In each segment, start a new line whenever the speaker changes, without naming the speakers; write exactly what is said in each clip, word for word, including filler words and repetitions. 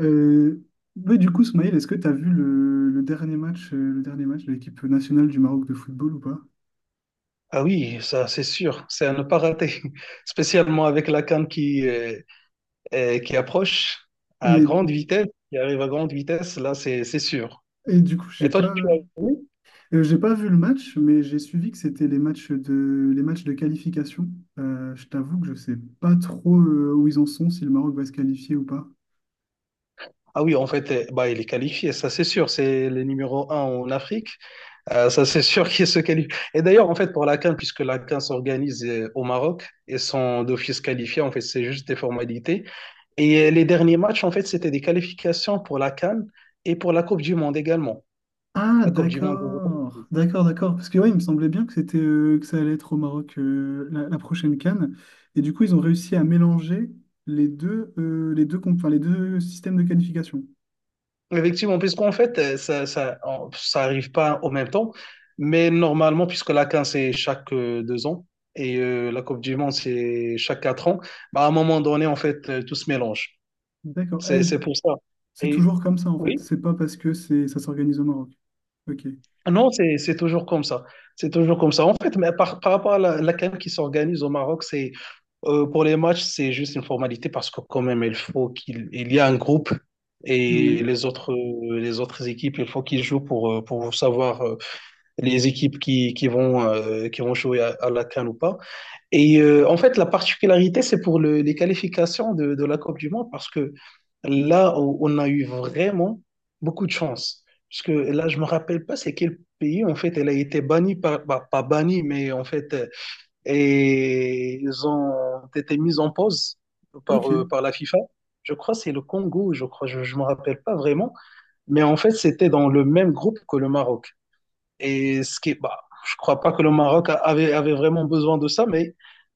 Euh, ouais, du coup, Smaïl, est-ce que tu as vu le, le dernier match, euh, le dernier match de l'équipe nationale du Maroc de football ou pas?
Ah oui, ça c'est sûr, c'est à ne pas rater, spécialement avec la canne qui, euh, euh, qui approche à
Et,
grande vitesse, qui arrive à grande vitesse, là c'est c'est sûr.
et du coup,
Et
j'ai
toi,
pas,
tu as vu?
euh, j'ai pas vu le match, mais j'ai suivi que c'était les matchs de, les matchs de qualification. Euh, je t'avoue que je sais pas trop euh, où ils en sont, si le Maroc va se qualifier ou pas.
Ah oui, en fait, euh, bah, il est qualifié, ça c'est sûr, c'est le numéro un en Afrique. Euh, ça c'est sûr qu'il se qualifie. Et d'ailleurs, en fait, pour la CAN, puisque la CAN s'organise euh, au Maroc et sont d'office qualifiés, en fait, c'est juste des formalités. Et euh, les derniers matchs, en fait, c'était des qualifications pour la CAN et pour la Coupe du Monde également.
Ah,
La Coupe du Monde.
d'accord, d'accord, d'accord. Parce que ouais, il me semblait bien que c'était euh, que ça allait être au Maroc euh, la, la prochaine CAN. Et du coup, ils ont réussi à mélanger les deux, euh, les deux, comp- enfin, les deux systèmes de qualification.
Effectivement, puisqu'en fait, euh, ça, ça, en- ça arrive pas au même temps, mais normalement, puisque la CAN, c'est chaque euh, deux ans et euh, la Coupe du Monde, c'est chaque quatre ans, bah, à un moment donné, en fait, euh, tout se mélange.
D'accord. Ah,
C'est, c'est pour ça.
c'est
Et
toujours comme ça en fait.
oui,
C'est pas parce que c'est ça s'organise au Maroc. Ok.
non, c'est, c'est toujours comme ça. C'est toujours comme ça. En fait, mais par, par rapport à la, la CAN qui s'organise au Maroc, c'est euh, pour les matchs, c'est juste une formalité parce que quand même, il faut qu'il il y a un groupe et
Ouais.
les autres, euh, les autres équipes, il faut qu'ils jouent pour, euh, pour savoir euh, les équipes qui, qui vont, euh, qui vont jouer à, à la CAN ou pas. Et euh, en fait, la particularité, c'est pour le- les qualifications de, de la Coupe du Monde parce que là, on on a eu vraiment beaucoup de chance. Parce que là, je me rappelle pas c'est quel pays, en fait, elle a été bannie, par, bah, pas bannie, mais en fait, euh, et ils ont été mis en pause par, euh,
Ok.
par la FIFA. Je crois que c'est le Congo, je crois, je ne me rappelle pas vraiment. Mais en fait, c'était dans le même groupe que le Maroc. Et ce qui, est- bah, je crois pas que le Maroc a- avait, avait vraiment besoin de ça, mais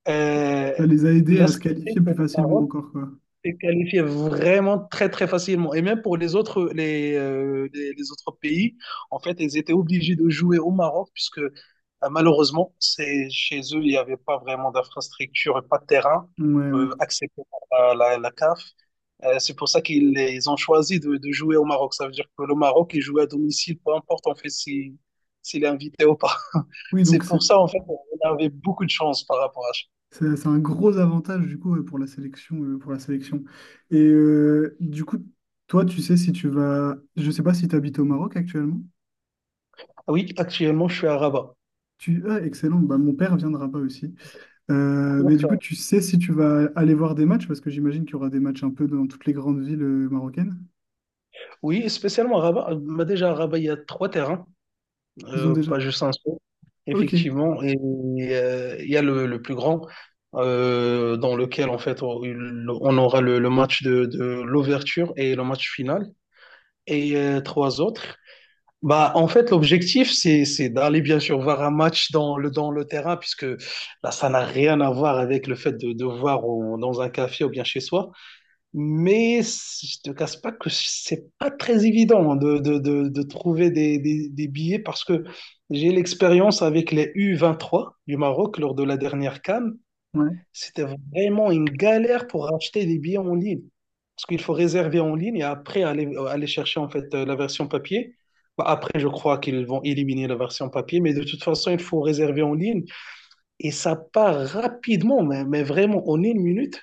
euh,
Ça les a aidés
là,
à
ce
se
qui fait
qualifier
que
plus
le
facilement
Maroc
encore quoi.
s'est qualifié vraiment très, très facilement. Et même pour les autres, les, euh, les, les autres pays, en fait, ils étaient obligés de jouer au Maroc, puisque euh, malheureusement, c'est, chez eux, il n'y avait pas vraiment d'infrastructure et pas de terrain
Ouais, ouais.
euh, accepté par la, la, la CAF. Euh, c'est pour ça qu'ils ils ont choisi de, de jouer au Maroc. Ça veut dire que le Maroc, il joue à domicile, peu importe en fait si, s'il est invité ou pas.
Oui,
C'est
donc c'est
pour ça en fait on avait beaucoup de chance par rapport à ça.
c'est c'est un gros avantage du coup ouais, pour la sélection euh, pour la sélection. Et euh, du coup toi tu sais si tu vas, je sais pas si tu habites au Maroc actuellement.
Oui, actuellement je suis à Rabat.
Tu ah excellent. Bah mon père viendra pas aussi. Euh, mais du coup
D'accord.
tu sais si tu vas aller voir des matchs parce que j'imagine qu'il y aura des matchs un peu dans toutes les grandes villes euh, marocaines.
Oui, spécialement à Rabat. Euh, Bah, déjà à Rabat, il y a trois terrains,
Ils ont
euh,
déjà.
pas juste un seul.
Ok.
Effectivement, et euh, il y a le, le plus grand euh, dans lequel en fait on, on aura le, le match de, de l'ouverture et le match final et euh, trois autres. Bah, en fait, l'objectif, c'est, c'est d'aller bien sûr voir un match dans le, dans le terrain, puisque là, ça n'a rien à voir avec le fait de, de voir au- dans un café ou bien chez soi. Mais c- je te casse pas que c'est pas très évident de, de, de, de trouver des, des, des billets parce que j'ai l'expérience avec les u vingt-trois du Maroc lors de la dernière CAN.
Ouais.
C'était vraiment une galère pour acheter des billets en ligne. Parce qu'il faut réserver en ligne et après aller, euh, aller chercher en fait euh, la version papier. Bah, après, je crois qu'ils vont éliminer la version papier, mais de toute façon, il faut réserver en ligne. Et ça part rapidement, mais, mais vraiment, en une minute,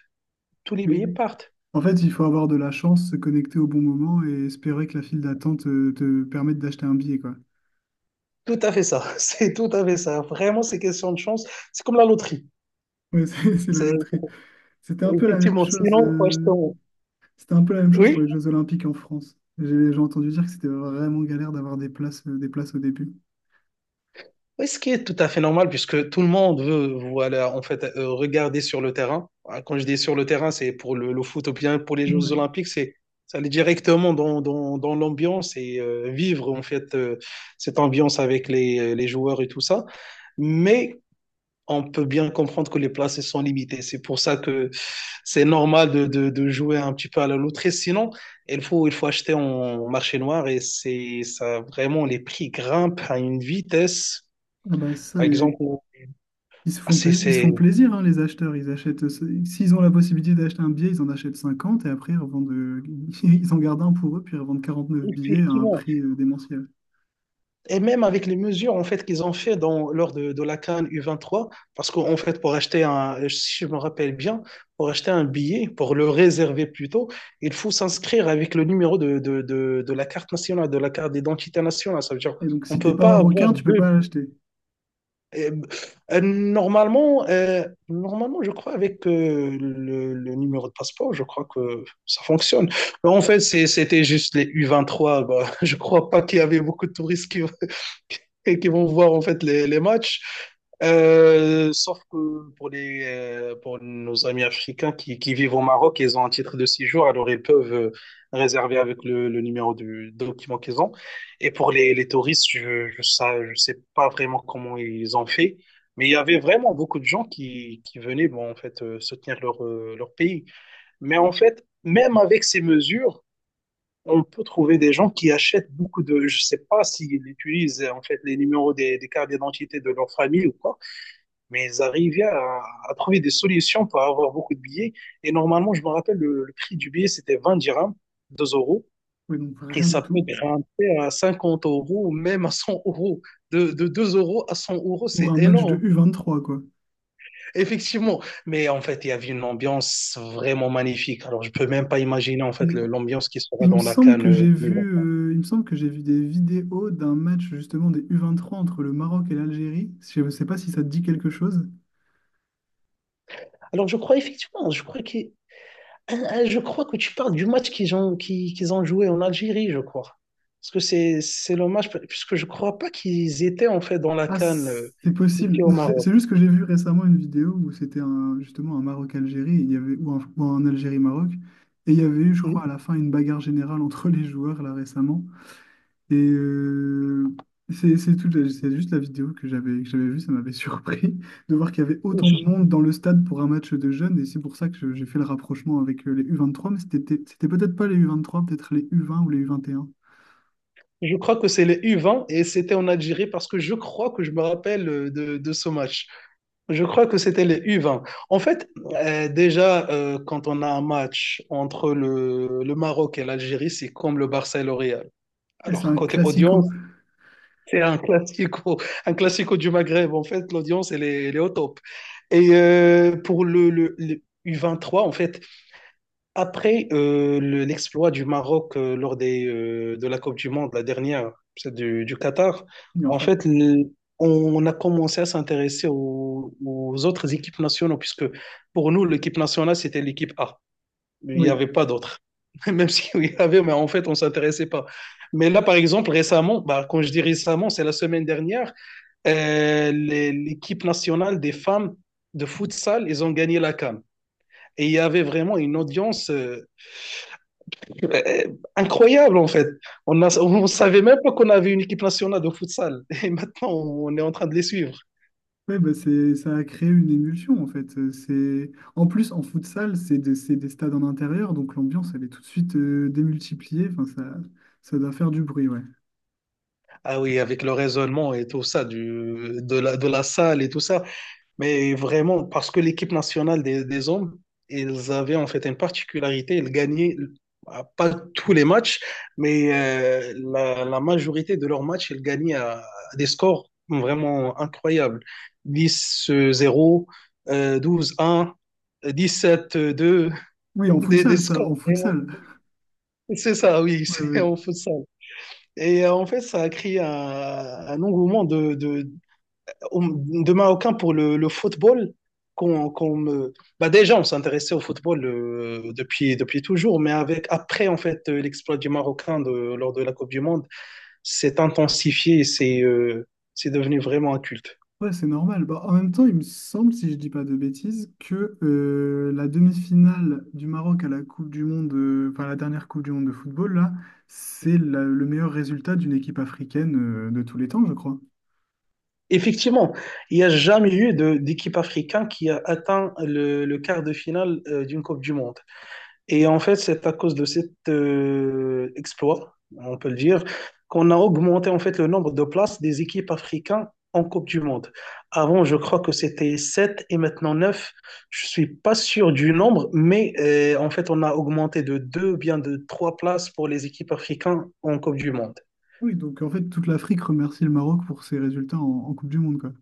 tous les
Oui.
billets partent.
En fait, il faut avoir de la chance, se connecter au bon moment et espérer que la file d'attente euh, te, permette d'acheter un billet, quoi.
Tout à fait ça. C'est tout à fait ça. Vraiment, c'est question de chance. C'est comme la loterie.
Ouais, c'est c'est la
C'est
loterie.
c'est-
C'était un peu la même
Effectivement,
chose.
sinon, il faut acheter
euh,
en...
C'était un peu la même chose pour
Oui?
les Jeux Olympiques en France. J'ai j'ai entendu dire que c'était vraiment galère d'avoir des places, euh, des places au début.
Oui, ce qui est tout à fait normal, puisque tout le monde veut, voilà, en fait, euh, regarder sur le terrain. Ah, quand je dis sur le terrain, c'est pour le, le foot ou bien pour les Jeux
Ouais.
Olympiques, c'est ça, aller directement dans, dans, dans l'ambiance et euh, vivre, en fait, euh, cette ambiance avec les, les joueurs et tout ça. Mais on peut bien comprendre que les places sont limitées. C'est pour ça que c'est normal de, de, de jouer un petit peu à la loterie. Sinon, il faut, il faut acheter en marché noir et c'est ça, vraiment, les prix grimpent à une vitesse.
Ah bah ça,
Par
les-
exemple,
Ils se
ah,
font
C'est,
plaisir, ils se font
c'est-
plaisir, hein, les acheteurs. Ils achètent, euh, s'ils ont la possibilité d'acheter un billet, ils en achètent cinquante et après ils revendent, euh, ils en gardent un pour eux, puis ils revendent neuf billets à un
effectivement.
prix euh, démentiel.
Et même avec les mesures en fait qu'ils ont fait dans, lors de, de la CAN u vingt-trois, parce qu'en fait, pour acheter un, si je me rappelle bien, pour acheter un billet, pour le réserver plutôt, il faut s'inscrire avec le numéro de, de, de, de la carte nationale, de la carte d'identité nationale. Ça veut dire
Et donc,
on
si t'es
peut
pas
pas avoir
marocain, tu peux
deux.
pas l'acheter.
Euh, euh, normalement, euh, normalement, je crois avec euh, le, le numéro de passeport, je crois que ça fonctionne. Mais en fait, c'est- c'était juste les u vingt-trois. Bah, je crois pas qu'il y avait beaucoup de touristes qui, qui vont voir en fait les, les matchs. Euh, sauf que pour les, euh, pour nos amis africains qui, qui vivent au Maroc, ils ont un titre de séjour, alors ils peuvent euh, réserver avec le, le numéro du document qu'ils ont. Et pour les, les touristes, je je ça je sais pas vraiment comment ils ont fait, mais il y avait vraiment beaucoup de gens qui, qui venaient bon, en fait, euh, soutenir leur, euh, leur pays. Mais en fait, même avec ces mesures, on peut trouver des gens qui achètent beaucoup de... Je sais pas s'ils utilisent en fait les numéros des, des cartes d'identité de leur famille ou quoi, mais ils arrivaient à, à trouver des solutions pour avoir beaucoup de billets. Et normalement, je me rappelle, le, le prix du billet, c'était vingt dirhams, deux euros.
Ouais, donc
Et
rien du
ça peut
tout.
grimper à cinquante euros, même à cent euros. De, de deux euros à cent euros,
Pour
c'est
un match de
énorme,
U vingt-trois, quoi.
effectivement. Mais en fait, il y avait une ambiance vraiment magnifique. Alors, je peux même pas imaginer en fait
Mais
le- l'ambiance qui sera
il me
dans la
semble
CAN
que
euh,
j'ai
deux mille vingt.
vu, euh, il me semble que j'ai vu des vidéos d'un match justement des U vingt-trois entre le Maroc et l'Algérie. Je ne sais pas si ça te dit quelque chose.
Alors, je crois effectivement, je crois que, euh, je crois que tu parles du match qu'ils ont, qui- qu'ils ont joué en Algérie, je crois. Parce que c'est, c'est le match, puisque je crois pas qu'ils étaient en fait dans la
Ah,
CAN euh,
c'est possible.
ici au
C'est
Maroc.
c'est juste que j'ai vu récemment une vidéo où c'était un, justement un Maroc-Algérie, et il y avait, ou un, ou un Algérie-Maroc. Et il y avait eu, je
Hmm.
crois, à la fin, une bagarre générale entre les joueurs, là, récemment. Et euh, c'est c'est tout, la- c'est juste la vidéo que j'avais que j'avais vue, ça m'avait surpris de voir qu'il y avait autant de monde dans le stade pour un match de jeunes. Et c'est pour ça que je- j'ai fait le rapprochement avec euh, les u vingt trois, mais c'était c'était peut-être pas les u vingt trois, peut-être les u vingt ou les U vingt et un. Et un.
Je crois que c'est les u vingt et c'était en Algérie parce que je crois que je me rappelle euh, de, de ce match. Je crois que c'était les u vingt. En fait, euh, déjà, euh, quand on a un match entre le, le Maroc et l'Algérie, c'est comme le Barça et le Real.
Et c'est
Alors,
un
côté
classico.
audience, c'est un classico, un classico du Maghreb. En fait, l'audience, elle est, elle est au top. Et euh, pour le, le, le u vingt-trois, en fait, après euh, le- l'exploit du Maroc euh, lors des, euh, de la Coupe du Monde, la dernière, celle du, du Qatar,
Bien
en
sûr.
fait, le- on a commencé à s'intéresser aux, aux autres équipes nationales, puisque pour nous, l'équipe nationale, c'était l'équipe A. Il n'y
Oui,
avait pas d'autres. Même s'il y avait, mais en fait, on ne s'intéressait pas. Mais là, par exemple, récemment, bah, quand je dis récemment, c'est la semaine dernière, euh, les- l'équipe nationale des femmes de futsal, ils ont gagné la CAN. Et il y avait vraiment une audience. euh, euh, Incroyable en fait. On a, on savait même pas qu'on avait une équipe nationale de futsal. Et maintenant, on est en train de les suivre.
ouais, bah c'est, ça a créé une émulsion en fait. Euh, C'est, en plus, en futsal, c'est des, c'est des stades en intérieur, donc l'ambiance, elle est tout de suite euh, démultipliée. Enfin, ça, ça doit faire du bruit, ouais.
Ah oui, avec le raisonnement et tout ça, du, de la, de la salle et tout ça. Mais vraiment, parce que l'équipe nationale des, des hommes, ils avaient en fait une particularité, ils gagnaient ah, pas tous les matchs, mais euh, la, la majorité de leurs matchs, ils gagnaient à, à des scores vraiment incroyables. Dix zéro, euh, douze un, dix sept deux,
Oui, en
des, des
futsal, ça, en
scores vraiment.
futsal.
C'est ça, oui,
Ouais, ouais,
c'est-
ouais.
on fait ça. Et euh, en fait, ça a créé un, un engouement de, de, de Marocains pour le, le football. Qu'on, qu'on me... bah déjà, on s'intéressait au football euh, depuis, depuis toujours, mais avec, après, en fait, euh, l'exploit du Marocain de, lors de la Coupe du Monde s'est intensifié, et c'est euh, c'est devenu vraiment un culte.
Ouais, c'est normal. Bah, en même temps, il me semble, si je dis pas de bêtises, que euh, la demi-finale du Maroc à la Coupe du Monde, euh, enfin la dernière Coupe du Monde de football, là, c'est la- le meilleur résultat d'une équipe africaine euh, de tous les temps, je crois.
Effectivement, il n'y a jamais eu de- d'équipe africaine qui a atteint le, le quart de finale euh, d'une Coupe du Monde. Et en fait, c'est à cause de cet euh, exploit, on peut le dire, qu'on a augmenté en fait le nombre de places des équipes africaines en Coupe du Monde. Avant, je crois que c'était sept et maintenant neuf. Je suis pas sûr du nombre, mais euh, en fait, on a augmenté de deux, ou bien de trois places pour les équipes africaines en Coupe du Monde.
Oui, donc en fait, toute l'Afrique remercie le Maroc pour ses résultats en, en Coupe du Monde, quoi.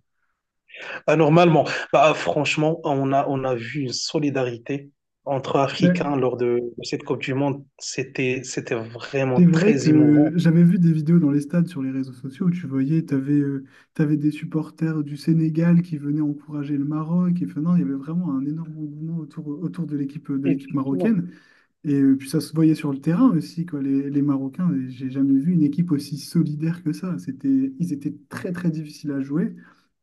Bah, normalement, bah, franchement, on a, on a vu une solidarité entre Africains
Ben,
lors de, de cette Coupe du Monde. C'était, c'était vraiment
c'est vrai
très émouvant.
que j'avais vu des vidéos dans les stades sur les réseaux sociaux où tu voyais, tu avais, des supporters du Sénégal qui venaient encourager le Maroc. Et enfin, non, il y avait vraiment un énorme engouement autour, autour de l'équipe de l'équipe
Effectivement.
marocaine. Et euh, puis ça se voyait sur le terrain aussi, quoi, les, les Marocains. Et j'ai jamais vu une équipe aussi solidaire que ça. C'était, ils étaient très très difficiles à jouer.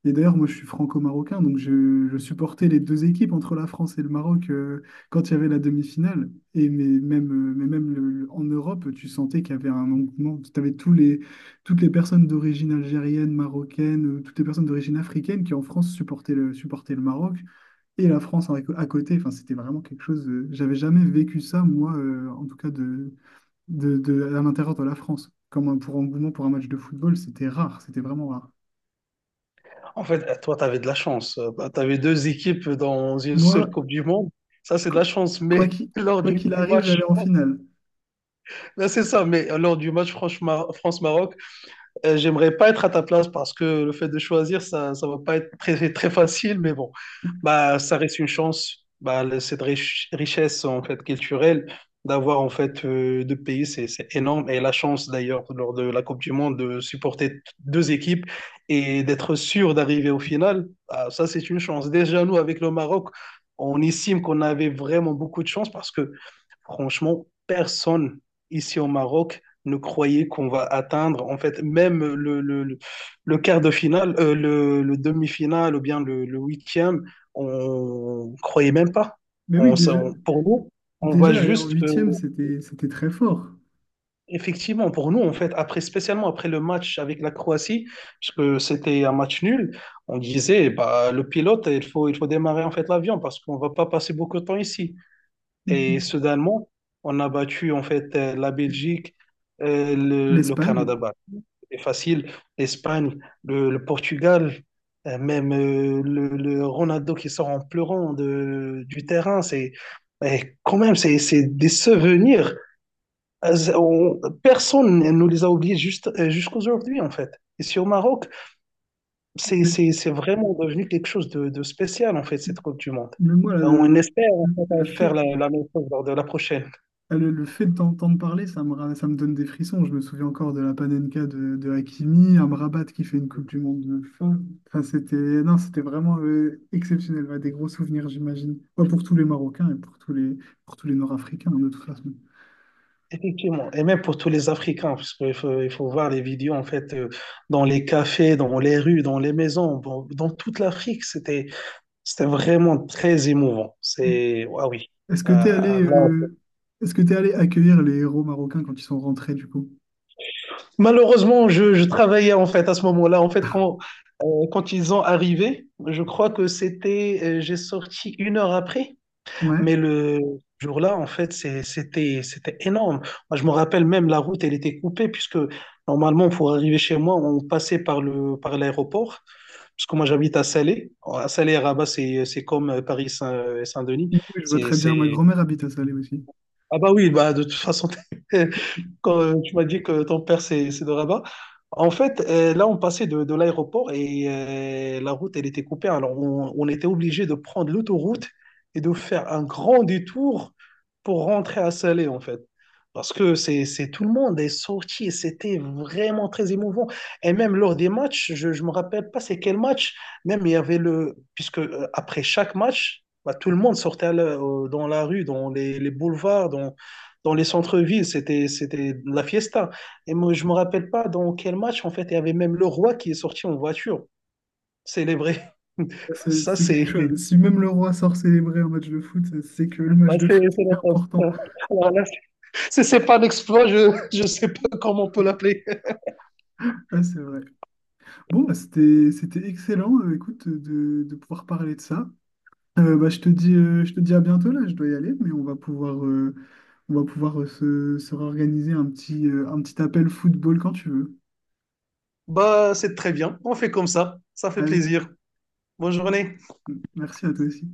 Et d'ailleurs, moi je suis franco-marocain, donc je, je supportais les deux équipes entre la France et le Maroc euh, quand il y avait la demi-finale. Et mais même, euh, mais même le- le- en Europe, tu sentais qu'il y avait un engouement. Tu avais tous les, toutes les personnes d'origine algérienne, marocaine, euh, toutes les personnes d'origine africaine qui en France supportaient le, supportaient le Maroc et la France avec- à côté. Enfin, c'était vraiment quelque chose. Euh, j'avais jamais vécu ça, moi, euh, en tout cas, de, de, de- à l'intérieur de la France. Comme un- pour engouement pour un match de football, c'était rare. C'était vraiment rare.
En fait, eh, toi, tu avais de la chance. Tu avais deux équipes dans une seule
Moi,
Coupe du Monde. Ça, c'est de
qu-
la chance.
quoi
Mais
qu'il
lors
quoi
du,
qu'il
du
arrive,
match,
j'allais en finale.
ben c'est ça. Mais euh, lors du match France-Mar- France-Maroc, euh, j'aimerais pas être à ta place parce que le fait de choisir, ça, ça va pas être très, très facile, mais bon, bah, ça reste une chance. Bah, le- cette rich- richesse, en fait, culturelle, d'avoir, en fait, euh, deux pays, c'est, c'est énorme. Et la chance, d'ailleurs, lors de la Coupe du Monde, de supporter deux équipes et d'être sûr d'arriver au final, bah, ça, c'est une chance. Déjà, nous, avec le Maroc, on estime qu'on avait vraiment beaucoup de chance parce que franchement, personne ici au Maroc ne croyait qu'on va atteindre, en fait, même le, le, le- le quart de finale, euh, le, le demi-finale ou bien le, le huitième, on croyait même pas.
Mais oui,
On, s-
déjà,
on- pour nous, on va
déjà aller en
juste, euh,
huitième, c'était, c'était très fort.
effectivement, pour nous, en fait, après, spécialement après le match avec la Croatie, parce que c'était un match nul, on disait, bah, le pilote, il faut, il faut démarrer en fait l'avion parce qu'on va pas passer beaucoup de temps ici. Et soudainement, on a battu en fait euh, la Belgique, euh, le, le
L'Espagne.
Canada, bah, c'est facile, l'Espagne, le, le Portugal, euh, même euh, le, le Ronaldo qui sort en pleurant de, du terrain. C'est eh, quand même c'est c'est des souvenirs. Euh, on- personne ne nous les a oubliés juste euh, jusqu'aujourd'hui en fait. Ici au Maroc, c'est
Mais
c'est c'est vraiment devenu quelque chose de, de spécial en fait cette Coupe du Monde.
mais moi, là, le,
On
le,
espère en
le
fait, faire
fait,
la, la même chose lors de la prochaine.
Ah, Le, le fait de t'entendre parler, ça me, ra- ça me donne des frissons. Je me souviens encore de la Panenka de, de Hakimi, un Rabat qui fait une Coupe du Monde de fin. Enfin, c'était, non, c'était vraiment euh, exceptionnel. Ouais, des gros souvenirs, j'imagine. Ouais, pour tous les Marocains et pour tous les, pour tous les Nord-Africains, hein, de toute façon.
Effectivement, et même pour tous les Africains, parce qu'il faut, il faut voir les vidéos en fait euh, dans les cafés, dans les rues, dans les maisons, dans, dans toute l'Afrique, c'était c'était vraiment très émouvant. C'est ah oui.
Est-ce
Euh,
que tu es
là-
allé, euh, est-ce que tu allé accueillir les héros marocains quand ils sont rentrés, du coup?
Malheureusement, je, je travaillais en fait à ce moment-là. En fait, quand euh, quand ils ont arrivé, je crois que c'était euh, j'ai sorti une heure après.
Ouais.
Mais le jour-là, en fait, c'est- c'était, c'était énorme. Moi, je me rappelle même la route, elle était coupée, puisque normalement, pour arriver chez moi, on passait par le, par l'aéroport. Parce que moi, j'habite à Salé. À Salé, et Rabat, c'est, c'est comme Paris-Saint-Denis.
Oui, je vois
C'est,
très bien. Ma
c'est...
grand-mère habite à Salé aussi.
Ah bah oui, bah, de toute façon, quand euh, tu m'as dit que ton père, c'est c'est de Rabat. En fait, euh, là, on passait de, de l'aéroport et euh, la route, elle était coupée. Alors, on, on était obligé de prendre l'autoroute et de faire un grand détour pour rentrer à Salé, en fait. Parce que c'est, c'est tout le monde est sorti et c'était vraiment très émouvant. Et même lors des matchs, je ne me rappelle pas c'est quel match, même il y avait le... Puisque euh, après chaque match, bah, tout le monde sortait à la- euh, dans la rue, dans les, les boulevards, dans dans les centres-villes, c'était, c'était la fiesta. Et moi, je me rappelle pas dans quel match, en fait, il y avait même le roi qui est sorti en voiture, célébré.
Ça, C'est
Ça,
c'est quelque
c'est
chose. Si même le roi sort célébrer un match de foot, c'est que le
ça,
match de
c'est
foot
c'est
est
la
important.
classe. Alors là, c'est- c'est pas un exploit, je je sais pas comment on peut l'appeler.
Ah, c'est vrai. Bon, bah, c'était, c'était excellent, euh, écoute, de, de pouvoir parler de ça. Euh, bah, je te dis, euh, je te dis à bientôt là, je dois y aller, mais on va pouvoir, euh, on va pouvoir euh, se, se réorganiser un petit, euh, un petit appel football quand tu veux.
Bah, c'est très bien. On fait comme ça. Ça fait
Allez,
plaisir. Bonne journée.
merci à toi aussi.